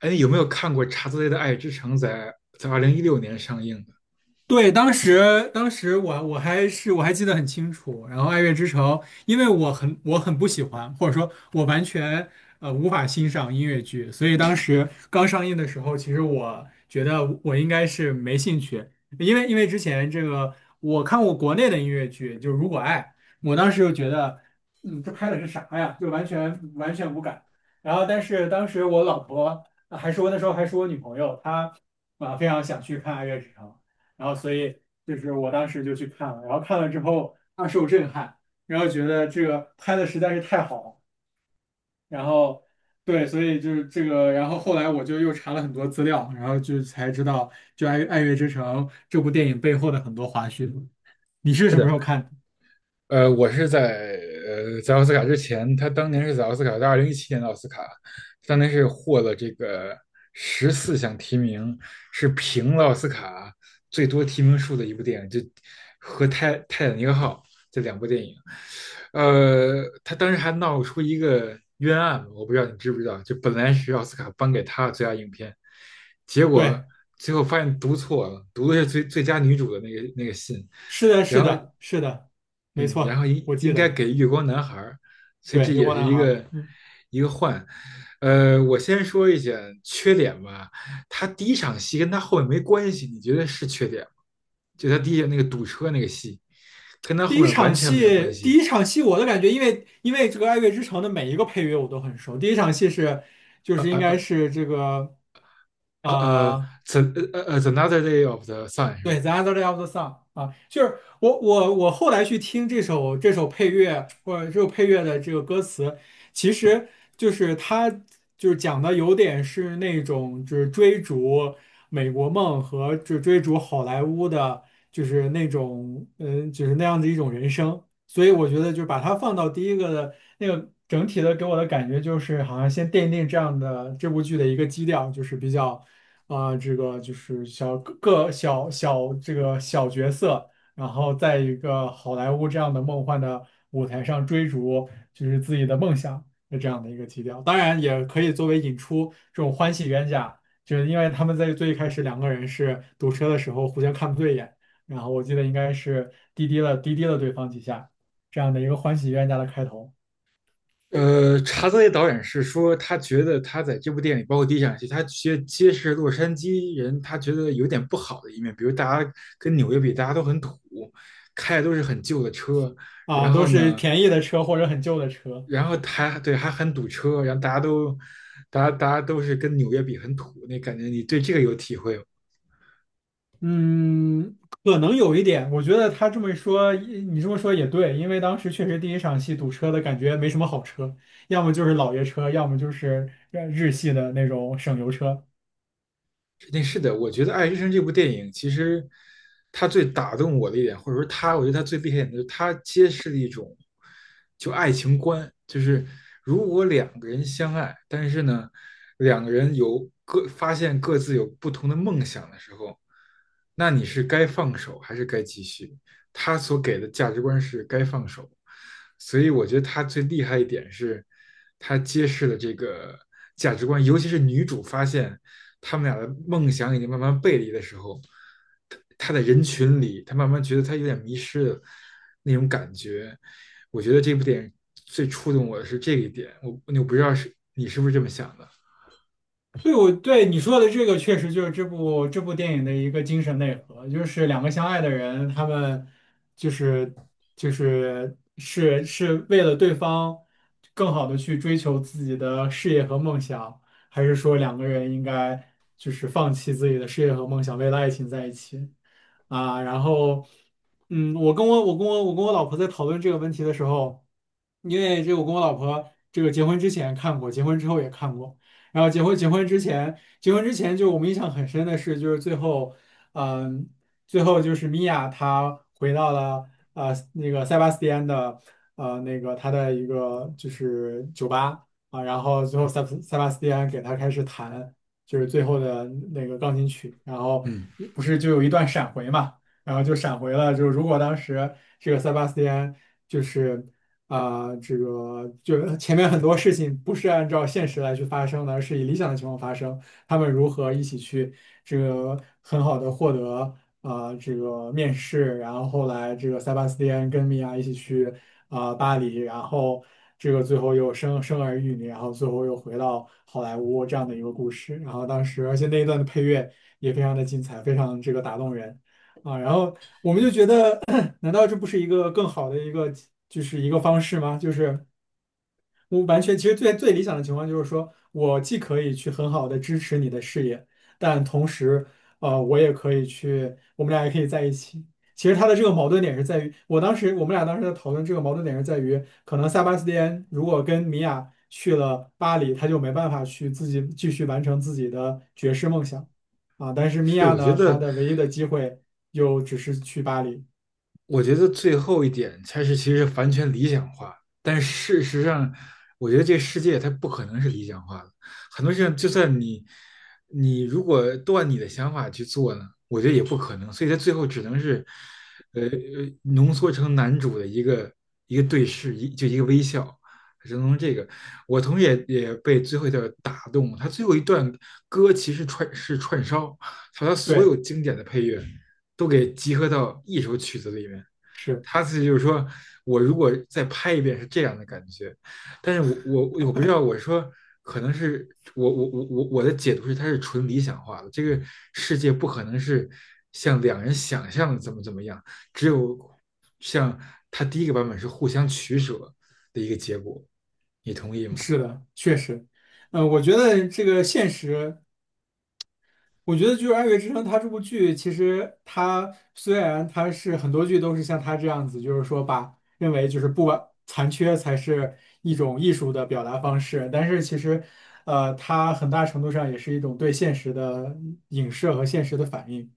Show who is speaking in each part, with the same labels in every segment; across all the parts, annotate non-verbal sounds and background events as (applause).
Speaker 1: 哎，有没有看过《查泽雷的爱之城》在2016年上映的。
Speaker 2: 对，当时当时我我还是我还记得很清楚。然后《爱乐之城》，因为我很不喜欢，或者说我完全无法欣赏音乐剧，所以当时刚上映的时候，其实我觉得我应该是没兴趣，因为之前这个我看过国内的音乐剧，就是《如果爱》，我当时就觉得，嗯，这拍的是啥呀？就完全无感。然后但是当时我老婆还是我那时候还是我女朋友，她啊非常想去看《爱乐之城》。然后所以就是我当时就去看了，然后看了之后大受震撼，然后觉得这个拍的实在是太好了，然后对，所以就是这个，然后后来我就又查了很多资料，然后就才知道就爱乐之城》这部电影背后的很多花絮。你是
Speaker 1: 是
Speaker 2: 什么
Speaker 1: 的？
Speaker 2: 时候看的？
Speaker 1: 我是在在奥斯卡之前，他当年是在奥斯卡，在2017年的奥斯卡，当年是获了这个14项提名，是平了奥斯卡最多提名数的一部电影，就和《泰坦尼克号》这两部电影。他当时还闹出一个冤案，我不知道你知不知道，就本来是奥斯卡颁给他的最佳影片，结果
Speaker 2: 对，
Speaker 1: 最后发现读错了，读的是最佳女主的那个信，
Speaker 2: 是的，
Speaker 1: 然
Speaker 2: 是
Speaker 1: 后
Speaker 2: 的，是的，没
Speaker 1: 嗯，然后
Speaker 2: 错，我记
Speaker 1: 应该
Speaker 2: 得，
Speaker 1: 给月光男孩儿，所以
Speaker 2: 对，
Speaker 1: 这
Speaker 2: 《月
Speaker 1: 也
Speaker 2: 光
Speaker 1: 是
Speaker 2: 男
Speaker 1: 一
Speaker 2: 孩》。
Speaker 1: 个
Speaker 2: 嗯。
Speaker 1: 一个换。我先说一下缺点吧，他第一场戏跟他后面没关系，你觉得是缺点吗？就他那个堵车那个戏，跟他
Speaker 2: 第
Speaker 1: 后
Speaker 2: 一
Speaker 1: 面完
Speaker 2: 场
Speaker 1: 全没有关
Speaker 2: 戏，第
Speaker 1: 系。
Speaker 2: 一场戏我的感觉，因为这个《爱乐之城》的每一个配乐我都很熟。第一场戏是，就
Speaker 1: 呃
Speaker 2: 是应该
Speaker 1: 呃
Speaker 2: 是这个啊、
Speaker 1: 呃呃呃
Speaker 2: 呃
Speaker 1: ，the t h another day of the sun 是吧？
Speaker 2: 对，The Other Day of the Sun 啊，就是我后来去听这首配乐或者这首配乐的这个歌词，其实就是它就是讲的有点是那种就是追逐美国梦和就追逐好莱坞的，就是那种嗯就是那样的一种人生，所以我觉得就把它放到第一个的那个整体的给我的感觉就是好像先奠定这样的这部剧的一个基调，就是比较。这个就是小这个小角色，然后在一个好莱坞这样的梦幻的舞台上追逐，就是自己的梦想的这样的一个基调。当然，也可以作为引出这种欢喜冤家，就是因为他们在最一开始两个人是堵车的时候互相看不对眼，然后我记得应该是滴滴了对方几下，这样的一个欢喜冤家的开头。
Speaker 1: 查泽雷导演是说，他觉得他在这部电影里包括第一场戏，他觉得揭示洛杉矶人，他觉得有点不好的一面，比如大家跟纽约比，大家都很土，开的都是很旧的车，然
Speaker 2: 都
Speaker 1: 后
Speaker 2: 是
Speaker 1: 呢，
Speaker 2: 便宜的车或者很旧的车。
Speaker 1: 然后还很堵车，大家都是跟纽约比很土，那感觉你对这个有体会吗？
Speaker 2: 嗯，可能有一点，我觉得他这么一说，你这么说也对，因为当时确实第一场戏堵车的感觉没什么好车，要么就是老爷车，要么就是日系的那种省油车。
Speaker 1: 肯定是的，我觉得《爱之深》这部电影，其实它最打动我的一点，或者说它，我觉得它最厉害的，就是它揭示了一种就爱情观，就是如果两个人相爱，但是呢，两个人有各发现各自有不同的梦想的时候，那你是该放手还是该继续？他所给的价值观是该放手，所以我觉得他最厉害一点是，他揭示了这个价值观，尤其是女主发现。他们俩的梦想已经慢慢背离的时候，他在人群里，他慢慢觉得他有点迷失的那种感觉。我觉得这部电影最触动我的是这一点，我我不知道是你是不是这么想的。
Speaker 2: 对，我对你说的这个确实就是这部电影的一个精神内核，就是两个相爱的人，他们就是就是为了对方更好的去追求自己的事业和梦想，还是说两个人应该就是放弃自己的事业和梦想，为了爱情在一起啊？然后，嗯，我跟我老婆在讨论这个问题的时候，因为这个我跟我老婆这个结婚之前看过，结婚之后也看过。然后结婚之前就我们印象很深的是，就是最后，嗯，最后就是米娅她回到了那个塞巴斯蒂安的那个他的一个就是酒吧啊，然后最后塞巴斯蒂安给他开始弹就是最后的那个钢琴曲，然后
Speaker 1: 嗯，
Speaker 2: 不是就有一段闪回嘛，然后就闪回了，就如果当时这个塞巴斯蒂安。就是。啊，这个就前面很多事情不是按照现实来去发生的，而是以理想的情况发生。他们如何一起去这个很好的获得啊，这个面试，然后后来这个塞巴斯蒂安跟米娅一起去巴黎，然后这个最后又生生儿育女，然后最后又回到好莱坞这样的一个故事。然后当时而且那一段的配乐也非常的精彩，非常这个打动人。啊，然后我们就觉得，难道这不是一个更好的一个就是一个方式吗？就是我完全，其实最理想的情况就是说，我既可以去很好的支持你的事业，但同时，呃，我也可以去，我们俩也可以在一起。其实他的这个矛盾点是在于，我们俩当时在讨论这个矛盾点是在于，可能塞巴斯蒂安如果跟米娅去了巴黎，他就没办法去自己继续完成自己的爵士梦想啊。但是米
Speaker 1: 是，
Speaker 2: 娅
Speaker 1: 我觉
Speaker 2: 呢，她
Speaker 1: 得
Speaker 2: 的唯一的机会就只是去巴黎。
Speaker 1: 最后一点才是其实是完全理想化，但事实上，我觉得这世界它不可能是理想化的。很多事情，就算你如果都按你的想法去做呢，我觉得也不可能。所以它最后只能是，呃，呃浓缩成男主的一个一个对视，就一个微笑，只能从这个。我同时也被最后一段打动，他最后一段歌其实串烧，他所有
Speaker 2: 对，
Speaker 1: 经典的配乐。都给集合到一首曲子里面。
Speaker 2: 是的。
Speaker 1: 他自己就是说，我如果再拍一遍是这样的感觉，但是我不知道，我说可能是我的解读是它是纯理想化的，这个世界不可能是像两人想象的怎么怎么样，只有像他第一个版本是互相取舍的一个结果，你同意吗？
Speaker 2: 是的，确实，呃，我觉得这个现实，我觉得就是《爱乐之城》，它这部剧其实它虽然它是很多剧都是像它这样子，就是说把认为就是不完残缺才是一种艺术的表达方式，但是其实，呃，它很大程度上也是一种对现实的影射和现实的反应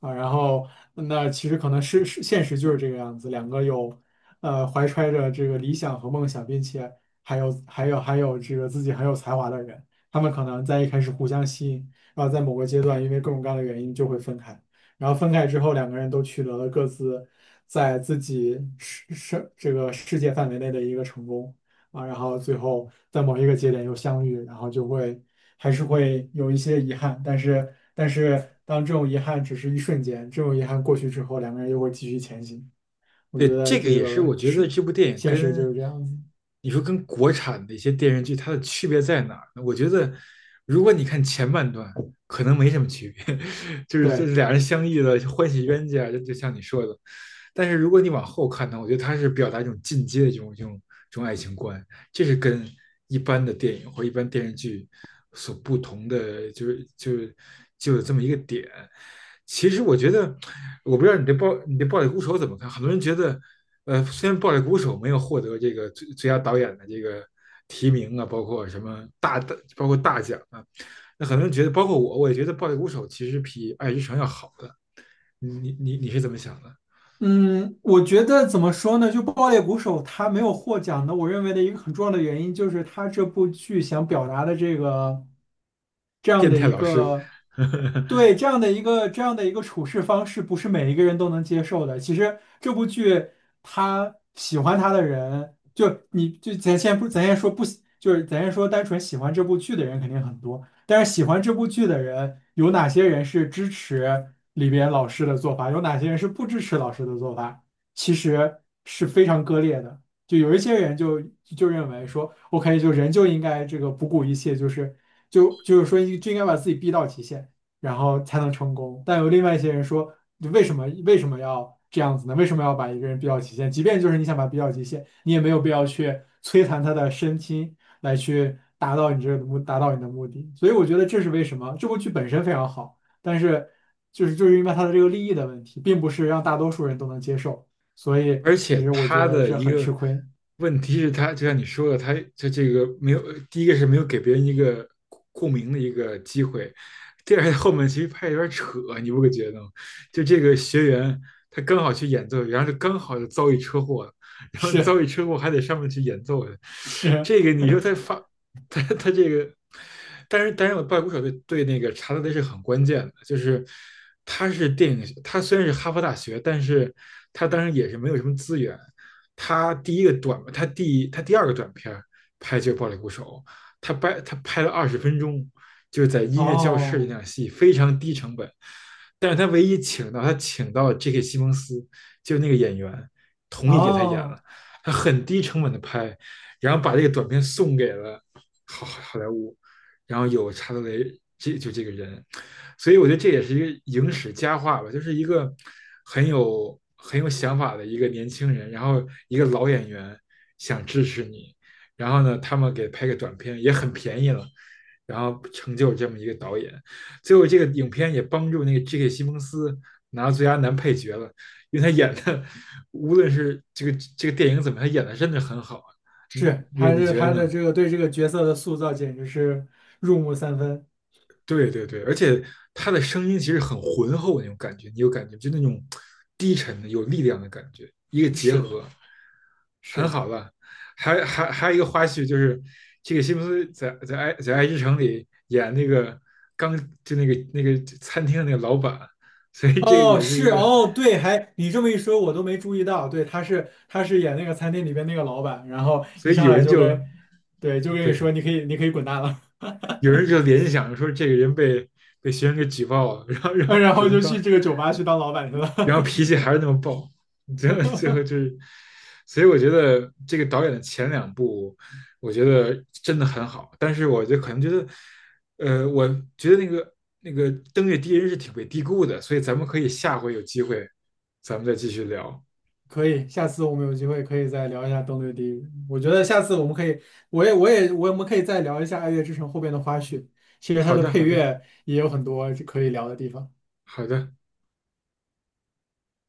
Speaker 2: 啊。然后那其实可能是现实就是这个样子，两个有怀揣着这个理想和梦想，并且还有这个自己很有才华的人，他们可能在一开始互相吸引。然后在某个阶段，因为各种各样的原因就会分开。然后分开之后，两个人都取得了各自在自己这个世界范围内的一个成功啊，然后最后在某一个节点又相遇，然后就会还是会有一些遗憾，但是当这种遗憾只是一瞬间，这种遗憾过去之后，两个人又会继续前行。我觉
Speaker 1: 对，
Speaker 2: 得
Speaker 1: 这个
Speaker 2: 这
Speaker 1: 也是
Speaker 2: 个
Speaker 1: 我觉得
Speaker 2: 是
Speaker 1: 这部电影
Speaker 2: 现实就是
Speaker 1: 跟
Speaker 2: 这样子，
Speaker 1: 你说跟国产的一些电视剧它的区别在哪儿呢？我觉得如果你看前半段，可能没什么区别，(laughs) 就是这
Speaker 2: 对。
Speaker 1: 俩人相遇了，欢喜冤家，就像你说的。但是如果你往后看呢，我觉得它是表达一种进阶的这种爱情观，这是跟一般的电影或一般电视剧所不同的，就有这么一个点。其实我觉得，我不知道你对暴力鼓手怎么看？很多人觉得，呃，虽然暴力鼓手没有获得这个最佳导演的这个提名啊，包括什么大的，包括大奖啊，那很多人觉得，包括我，我也觉得暴力鼓手其实比爱之城要好的。你是怎么想的？
Speaker 2: 嗯，我觉得怎么说呢？就《爆裂鼓手》他没有获奖的，我认为的一个很重要的原因就是他这部剧想表达的这个这样
Speaker 1: 变
Speaker 2: 的
Speaker 1: 态
Speaker 2: 一
Speaker 1: 老师，
Speaker 2: 个
Speaker 1: (laughs)
Speaker 2: 对这样的一个处事方式，不是每一个人都能接受的。其实这部剧他喜欢他的人，就你就咱先不咱先说不喜，就是咱先说单纯喜欢这部剧的人肯定很多，但是喜欢这部剧的人，有哪些人是支持里边老师的做法，有哪些人是不支持老师的做法，其实是非常割裂的。就有一些人认为说，OK，就人就应该这个不顾一切，就是说就应该把自己逼到极限，然后才能成功。但有另外一些人说，就为什么要这样子呢？为什么要把一个人逼到极限？即便就是你想把他逼到极限，你也没有必要去摧残他的身心。来去达到你这个目，达到你的目的。所以我觉得这是为什么这部剧本身非常好，但是就是因为它的这个利益的问题，并不是让大多数人都能接受，所以
Speaker 1: 而
Speaker 2: 其
Speaker 1: 且
Speaker 2: 实我觉
Speaker 1: 他
Speaker 2: 得
Speaker 1: 的
Speaker 2: 这
Speaker 1: 一
Speaker 2: 很吃
Speaker 1: 个
Speaker 2: 亏。
Speaker 1: 问题是他，就像你说的，他就这个没有，第一个是没有给别人一个共鸣的一个机会，第二后面其实拍得有点扯，你不会觉得吗？就这个学员他刚好去演奏，然后就刚好就遭遇车祸了，然后遭
Speaker 2: 是
Speaker 1: 遇车祸还得上面去演奏的
Speaker 2: 是，
Speaker 1: 这个你说他发他这个，但是我拜鼓手对那个查德雷是很关键的，就是他是电影，他虽然是哈佛大学，但是他当时也是没有什么资源。他第二个短片拍就是《暴力鼓手》，他拍了20分钟，就是在音乐教室那
Speaker 2: 哦
Speaker 1: 场戏，非常低成本。但是他唯一他请到 J.K. 西蒙斯，就是那个演员，同意给他演
Speaker 2: 哦，
Speaker 1: 了。他很低成本的拍，然后把这个短片送给了好莱坞，然后有查德雷这个人，所以我觉得这也是一个影史佳话吧，就是一个很有想法的一个年轻人，然后一个老演员想支持你，然后呢，他们给拍个短片也很便宜了，然后成就这么一个导演，最后这个影片也帮助那个 J.K. 西蒙斯拿到最佳男配角了，因为他演的无论是这个电影怎么，他演的真的很好啊，你
Speaker 2: 是，
Speaker 1: 你你觉得
Speaker 2: 他的
Speaker 1: 呢？
Speaker 2: 这个对这个角色的塑造简直是入木三分。
Speaker 1: 对对对，而且他的声音其实很浑厚那种感觉，你有感觉就那种低沉的有力量的感觉，一个结
Speaker 2: 是的，
Speaker 1: 合
Speaker 2: 是
Speaker 1: 很
Speaker 2: 的
Speaker 1: 好了。还有一个花絮就是这个西蒙斯在爱之城里演那个刚那个餐厅的那个老板，所以这个
Speaker 2: 哦，
Speaker 1: 也是一
Speaker 2: 是
Speaker 1: 个，
Speaker 2: 哦，对，还你这么一说，我都没注意到。对，他是演那个餐厅里边那个老板，然后
Speaker 1: 所
Speaker 2: 一
Speaker 1: 以
Speaker 2: 上
Speaker 1: 有
Speaker 2: 来
Speaker 1: 人
Speaker 2: 就
Speaker 1: 就
Speaker 2: 跟，对，就跟你说
Speaker 1: 对
Speaker 2: 你可以滚蛋了，
Speaker 1: 有人就联想说这个人被被学生给举报了，然后
Speaker 2: (laughs)
Speaker 1: 然后
Speaker 2: 然
Speaker 1: 只
Speaker 2: 后
Speaker 1: 能
Speaker 2: 就去
Speaker 1: 当
Speaker 2: 这个酒吧去当老板去
Speaker 1: 然后
Speaker 2: 了。
Speaker 1: 脾气还是那么暴，最后就
Speaker 2: (laughs)
Speaker 1: 是，所以我觉得这个导演的前两部，我觉得真的很好，但是我就可能觉得，我觉得那个《登月第一人》是挺被低估的，所以咱们可以下回有机会，咱们再继续聊。
Speaker 2: 可以，下次我们有机会可以再聊一下《登对地狱》。我觉得下次我们可以，我也我们可以再聊一下《爱乐之城》后边的花絮。其实它
Speaker 1: 好
Speaker 2: 的
Speaker 1: 的，
Speaker 2: 配
Speaker 1: 好的，
Speaker 2: 乐也有很多可以聊的地方。
Speaker 1: 好的。